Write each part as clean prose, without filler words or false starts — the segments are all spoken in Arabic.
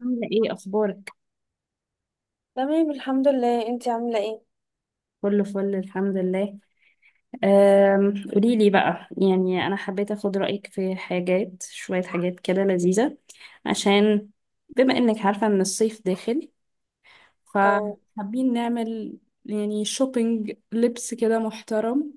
عاملة ايه اخبارك؟ تمام الحمد لله، انتي عاملة ايه؟ كله فل الحمد لله. قوليلي بقى، يعني انا حبيت اخد رأيك في حاجات شوية، حاجات كده لذيذة، عشان بما انك عارفة ان الصيف داخل، او، فحابين نعمل يعني شوبينج لبس كده محترم.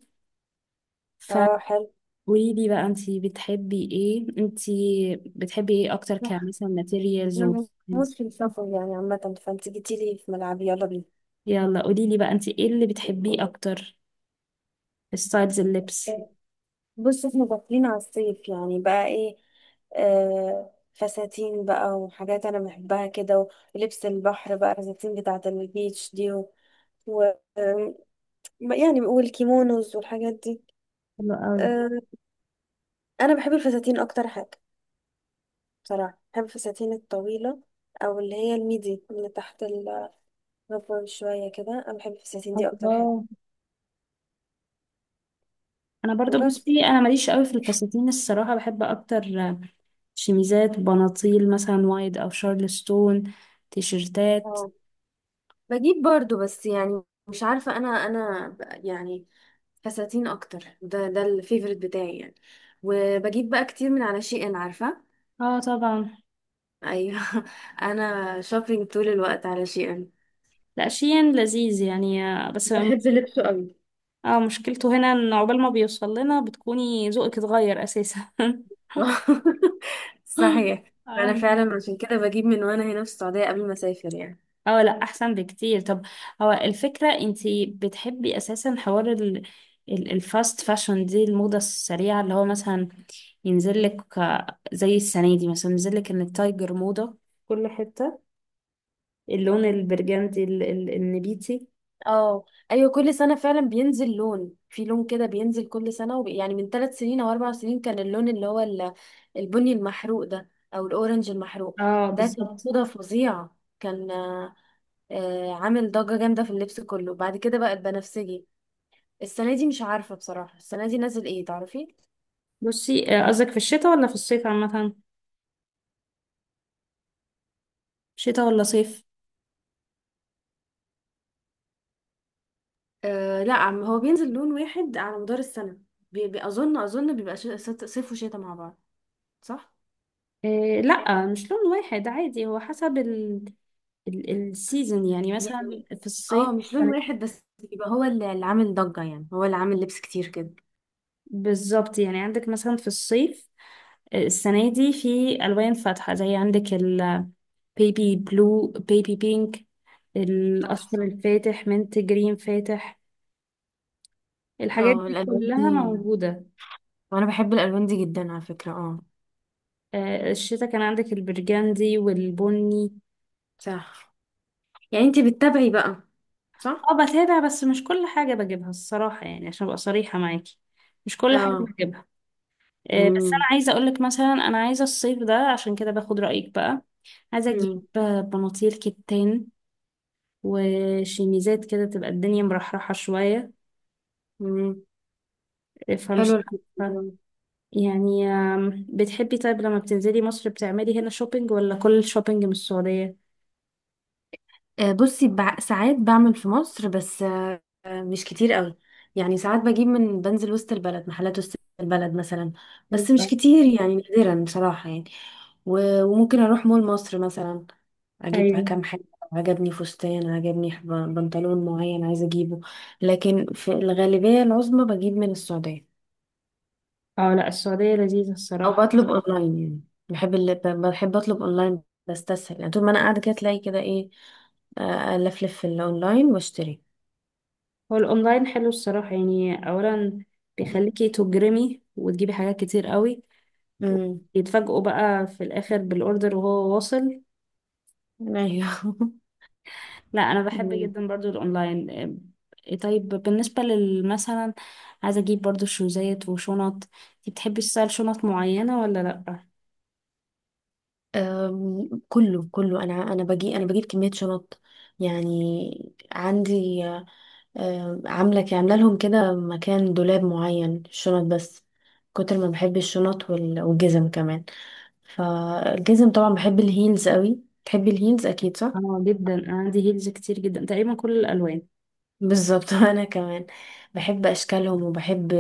اه، حلو. فقوليلي بقى، انتي بتحبي ايه اكتر؟ كمثلا ماتيريالز و انا بموت styles؟ في السفر يعني عامة، فانت جيتيلي في ملعبي، يلا بينا. يلا قوليلي بقى، انتي ايه اللي بتحبيه اكتر في ستايلز اللبس؟ إيه، بص احنا داخلين على الصيف يعني، بقى ايه؟ آه، فساتين بقى وحاجات انا بحبها كده، ولبس البحر بقى، الفساتين بتاعة البيتش دي و... و... آم، يعني، والكيمونوز والحاجات دي. حلو قوي. آه انا بحب الفساتين اكتر حاجة. بصراحة بحب الفساتين الطويلة، أو اللي هي الميدي اللي تحت الربر شوية كده. أنا بحب الفساتين دي أكتر حاجة. الله! انا برضو وبس. بصي، انا ماليش قوي في الفساتين الصراحه، بحب اكتر شميزات، بناطيل مثلا وايد او شارلستون، تيشرتات. اه، بجيب برضو، بس يعني مش عارفة، أنا يعني فساتين أكتر. ده الفيفوريت بتاعي يعني. وبجيب بقى كتير من على شي إن، عارفة؟ اه طبعا. أيوه. أنا شوبينج طول الوقت على شي إن، لا شيء لذيذ يعني، بس بحب لبسه قوي. اه، مشكلته هنا ان عقبال ما بيوصل لنا بتكوني ذوقك اتغير اساسا. صحيح، أنا أيوة. فعلا عشان كده بجيب من وأنا هنا في السعودية قبل ما أسافر يعني. اه لا احسن بكتير. طب، هو الفكرة انتي بتحبي اساسا حوار الفاست فاشن دي، الموضة السريعة اللي هو مثلا ينزل لك، زي السنة دي مثلا ينزل لك ان التايجر موضة في كل حتة، اللون البرجندي النبيتي. اه، ايوه، كل سنه فعلا بينزل لون، في لون كده بينزل كل سنه، يعني من 3 سنين او 4 سنين كان اللون اللي هو البني المحروق ده، او الاورنج المحروق. اه ده كان بالظبط. موضه فظيعه كان آه، آه، عامل ضجه جامده في اللبس كله. بعد كده بقى البنفسجي. السنه دي مش عارفه بصراحه، السنه دي نازل ايه، تعرفي؟ بصي قصدك في الشتاء ولا في الصيف عامة؟ شتاء ولا صيف؟ لا، عم هو بينزل لون واحد على مدار السنه. بي... بي... اظن اظن بيبقى صيف وشتاء مع بعض، صح؟ آه لا، مش لون واحد عادي، هو حسب ال السيزون يعني مثلا يعني في الصيف اه، مش لون واحد بس. يبقى هو اللي عامل ضجة، يعني هو اللي عامل لبس كتير كده. بالظبط، يعني عندك مثلا في الصيف السنة دي في ألوان فاتحة، زي عندك البيبي بلو، بيبي بينك، صح، الأصفر صح، الفاتح، منت جرين فاتح، الحاجات اه، دي الالوان دي. كلها موجودة. وانا بحب الالوان دي جدا على فكرة، اه. الشتا كان عندك البرجندي والبني. صح. يعني انتي بتتابعي بقى، صح. اه بتابع، بس مش كل حاجة بجيبها الصراحة، يعني عشان أبقى صريحة معاكي مش كل حاجة اه. بجيبها. بس أنا امم عايزة أقولك مثلا، أنا عايزة الصيف ده، عشان كده باخد رأيك بقى، عايزة أجيب امم بناطيل كتان وشيميزات كده تبقى الدنيا مرحرحة شوية. امم فمش حلو الفكرة عارفة. دي. يعني بتحبي طيب لما بتنزلي مصر بتعملي هنا شوبينج ولا كل الشوبينج من السعودية؟ بصي، ساعات بعمل في مصر، بس مش كتير قوي. يعني ساعات بجيب من، بنزل وسط البلد، محلات وسط البلد مثلا. بس حلو. مش كتير يعني، نادرا بصراحة يعني. وممكن اروح مول مصر مثلا، اجيب ايوه. كام حاجه. عجبني فستان، عجبني بنطلون معين، عايزه اجيبه. لكن في الغالبيه العظمى بجيب من السعوديه، اه لا، السعودية لذيذة او الصراحة. بطلب اونلاين يعني. بحب اطلب اونلاين، بستسهل. يعني طول ما انا قاعده كده، تلاقي كده ايه، الفلف في الاونلاين واشتري. هو الأونلاين حلو الصراحة، يعني أولا بيخليكي تجرمي وتجيبي حاجات كتير قوي، امم. يتفاجئوا بقى في الآخر بالأوردر وهو واصل. ايوه. لا انا بحب جدا برضو الاونلاين. إيه طيب، بالنسبة لل- مثلا عايزة اجيب برضو شوزات وشنط، انتي بتحبي تستايل شنط معينة ولا لا؟ كله كله، انا باجي، انا بجيب كميه شنط. يعني عندي، عامله لهم كده مكان، دولاب معين الشنط بس. كتر ما بحب الشنط والجزم كمان. فالجزم طبعا بحب الهيلز قوي. تحبي الهيلز اكيد، صح؟ اه جدا، انا عندي هيلز كتير جدا، تقريبا كل الالوان. بالظبط. انا كمان بحب اشكالهم، وبحب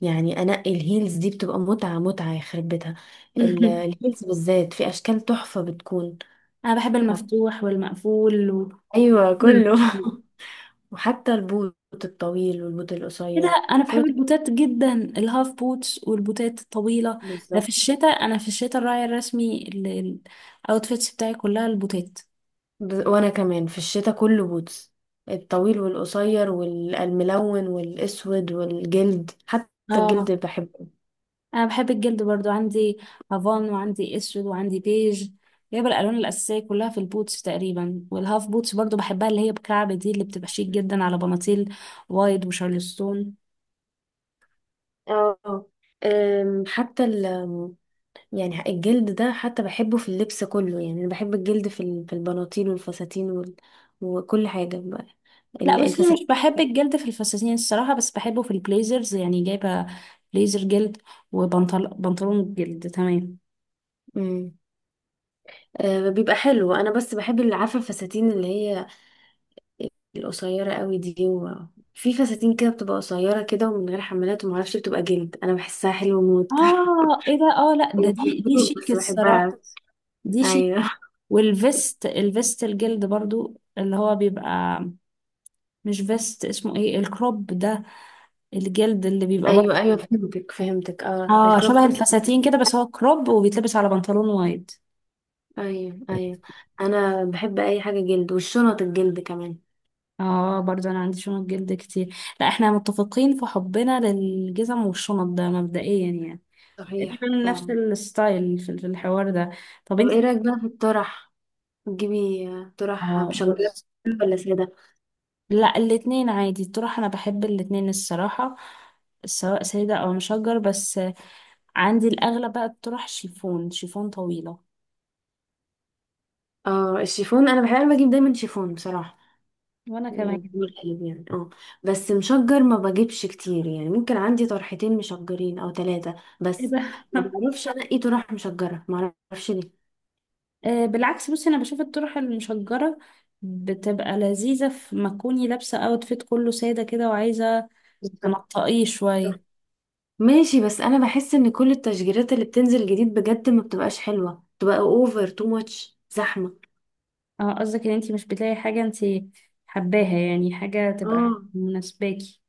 يعني انقي الهيلز دي، بتبقى متعه متعه يخرب بيتها. الهيلز بالذات في اشكال تحفه بتكون. انا بحب المفتوح والمقفول وكله. ايوه كله. وحتى البوت الطويل والبوت ايه ده، القصير، انا بحب كله، البوتات جدا، الهاف بوتس والبوتات الطويلة. ده في بالظبط. الشتاء، انا في الشتاء الراعي الرسمي الاوتفيتس بتاعي كلها البوتات. وانا كمان في الشتاء كله بوتس، الطويل والقصير والملون والاسود والجلد حتى. الجلد اه، بحبه. انا بحب الجلد برضو، عندي هافان وعندي اسود وعندي بيج، جايبه الالوان الاساسيه كلها في البوتس تقريبا، والهاف بوتس برضو بحبها، اللي هي بكعب دي اللي بتبقى شيك جدا على بناطيل وايد وشارلستون. اه. أم، حتى ال أم، يعني الجلد ده حتى بحبه في اللبس كله. يعني انا بحب الجلد في البناطيل والفساتين وكل حاجه بقى. لا بس أنا مش الفساتين. بحب الجلد في الفساتين الصراحه، بس بحبه في البليزرز، يعني جايبه بليزر جلد، وبنطلون جلد، تمام. مم. بيبقى حلو. انا بس بحب اللي، عارفه الفساتين اللي هي القصيرة قوي دي. في فساتين كده بتبقى قصيرة كده، ومن غير حمالات ومعرفش، بتبقى جلد، أنا بحسها حلوة موت. اه ايه ده، اه لا ده، هي دي حلوة، شيك بس الصراحه، بحبها. دي شيك. أيوه. والفيست، الفيست الجلد برضو اللي هو بيبقى، مش فيست، اسمه ايه الكروب ده، الجلد اللي بيبقى برضه. أيوه أيوه، فهمتك فهمتك، اه، اه الكروب شبه توب. الفساتين كده، بس هو كروب وبيتلبس على بنطلون وايد. أيوه أيوه. أنا بحب أي حاجة جلد، والشنط الجلد كمان. اه برضه انا عندي شنط جلد كتير. لا احنا متفقين في حبنا للجزم والشنط ده مبدئيا، يعني صحيح تقريبا نفس فعلا. الستايل في الحوار ده. طب طب إيه انت، رأيك بقى في الطرح، تجيبي طرح اه مشجرة بص. ولا سادة؟ لا، الاتنين عادي تروح، انا بحب الاتنين الصراحة، سواء سيدة او مشجر، بس عندي الاغلب بقى الطرح شيفون، شيفون طويلة. اه الشيفون، أنا بحب، أنا بجيب دايما شيفون بصراحة. وانا كمان. بيقول حلو يعني، اه. بس مشجر ما بجيبش كتير، يعني ممكن عندي طرحتين مشجرين او 3 ايه بس. ده! ما بعرفش انقي، إيه طرح مشجرة ما اعرفش ليه. بالعكس بصي، انا بشوف الطرح المشجره بتبقى لذيذه في ما تكوني لابسه اوتفيت كله ساده كده وعايزه بالظبط. تنطقيه شويه. ماشي، بس انا بحس ان كل التشجيرات اللي بتنزل جديد بجد ما بتبقاش حلوة، بتبقى اوفر تو ماتش، زحمة. اه قصدك ان انتي مش بتلاقي حاجه انتي حباها، يعني حاجه تبقى اه، مناسباكي.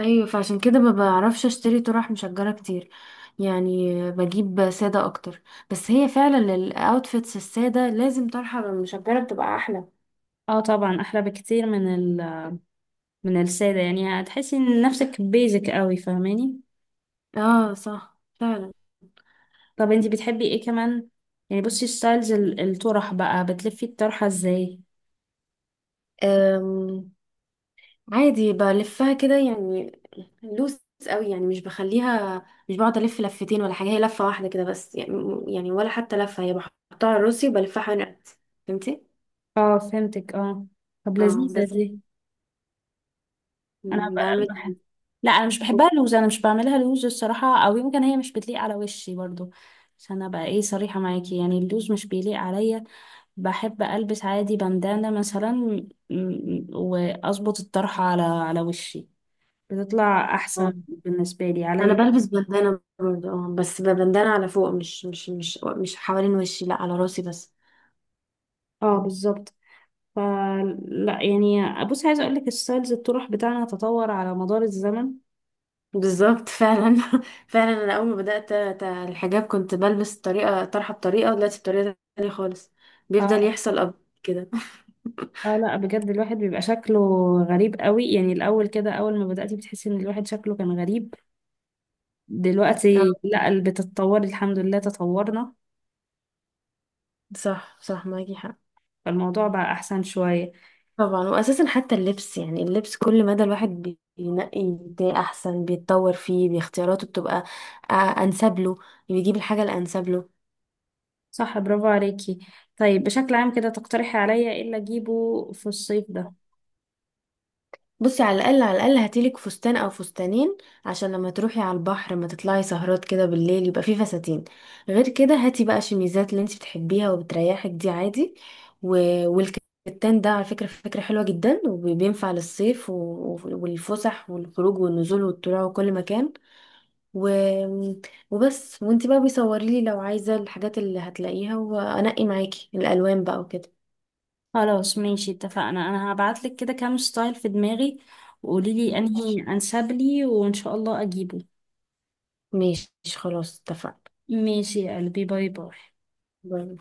ايوه، فعشان كده ما بعرفش اشتري طرح مشجرة كتير. يعني بجيب سادة اكتر. بس هي فعلا الاوتفيتس السادة لازم طرحة مشجرة، بتبقى احلى. اه طبعا، احلى بكتير من من الساده، يعني هتحسي ان نفسك بيزك قوي، فاهماني؟ اه، صح فعلا. طب انتي بتحبي ايه كمان، يعني بصي ستايلز الطرح بقى، بتلفي الطرحه ازاي؟ أم، عادي بلفها كده يعني، لوس قوي. يعني مش بخليها، مش بقعد الف لفتين ولا حاجه، هي لفه واحده كده بس يعني ولا حتى لفه. هي بحطها على راسي وبلفها حوالين رقبتي، فهمتي؟ اه فهمتك، اه. طب اه، لذيذه بس دي. انا ب- بعمل. بح- لا انا مش بحبها لوز، انا مش بعملها لوز الصراحه، او يمكن هي مش بتليق على وشي برضو، عشان ابقى ايه صريحه معاكي، يعني اللوز مش بيليق عليا. بحب البس عادي بندانه مثلا، واظبط الطرحه على وشي، بتطلع احسن آه. بالنسبه لي انا عليا. بلبس بندانه برضه، اه، بس بندانه على فوق، مش حوالين وشي، لا على راسي بس. اه بالظبط، فلا يعني بصي، عايزه اقول لك الستايلز الطرح بتاعنا تطور على مدار الزمن. بالظبط، فعلا. فعلا انا اول ما بدات الحجاب كنت بلبس بطريقه، طرحه بطريقه، ودلوقتي بطريقه تانية خالص. بيفضل اه. يحصل اب كده. اه لا بجد الواحد بيبقى شكله غريب قوي، يعني الاول كده، اول ما بدأتي بتحسي ان الواحد شكله كان غريب، دلوقتي اه، لا، بتتطوري الحمد لله، تطورنا صح صح، معاكي حق. فالموضوع بقى احسن شوية. طبعا، واساسا حتى اللبس يعني، اللبس كل مدى الواحد بينقي ده احسن، بيتطور فيه، باختياراته بتبقى آه، انسب له، بيجيب الحاجه الانسب له. صح برافو عليكي. طيب بشكل عام كده، تقترحي عليا ايه اللي اجيبه في الصيف ده؟ بصي، على الاقل على الاقل هاتيلك فستان او فستانين، عشان لما تروحي على البحر، ما تطلعي سهرات كده بالليل، يبقى فيه فساتين. غير كده هاتي بقى شميزات، اللي انت بتحبيها وبتريحك دي عادي و... والكتان ده على فكرة فكرة حلوة جدا، وبينفع للصيف، والفسح والخروج والنزول والطلوع وكل مكان و... وبس. وانت بقى بيصوري لي لو عايزة الحاجات اللي هتلاقيها، وانقي معاكي الالوان بقى وكده. خلاص ماشي، اتفقنا. انا هبعتلك كده كام ستايل في دماغي وقولي لي ماشي، انهي انسب لي، وان شاء الله اجيبه. ماشي، خلاص اتفقنا. ماشي يا قلبي، باي باي. باي.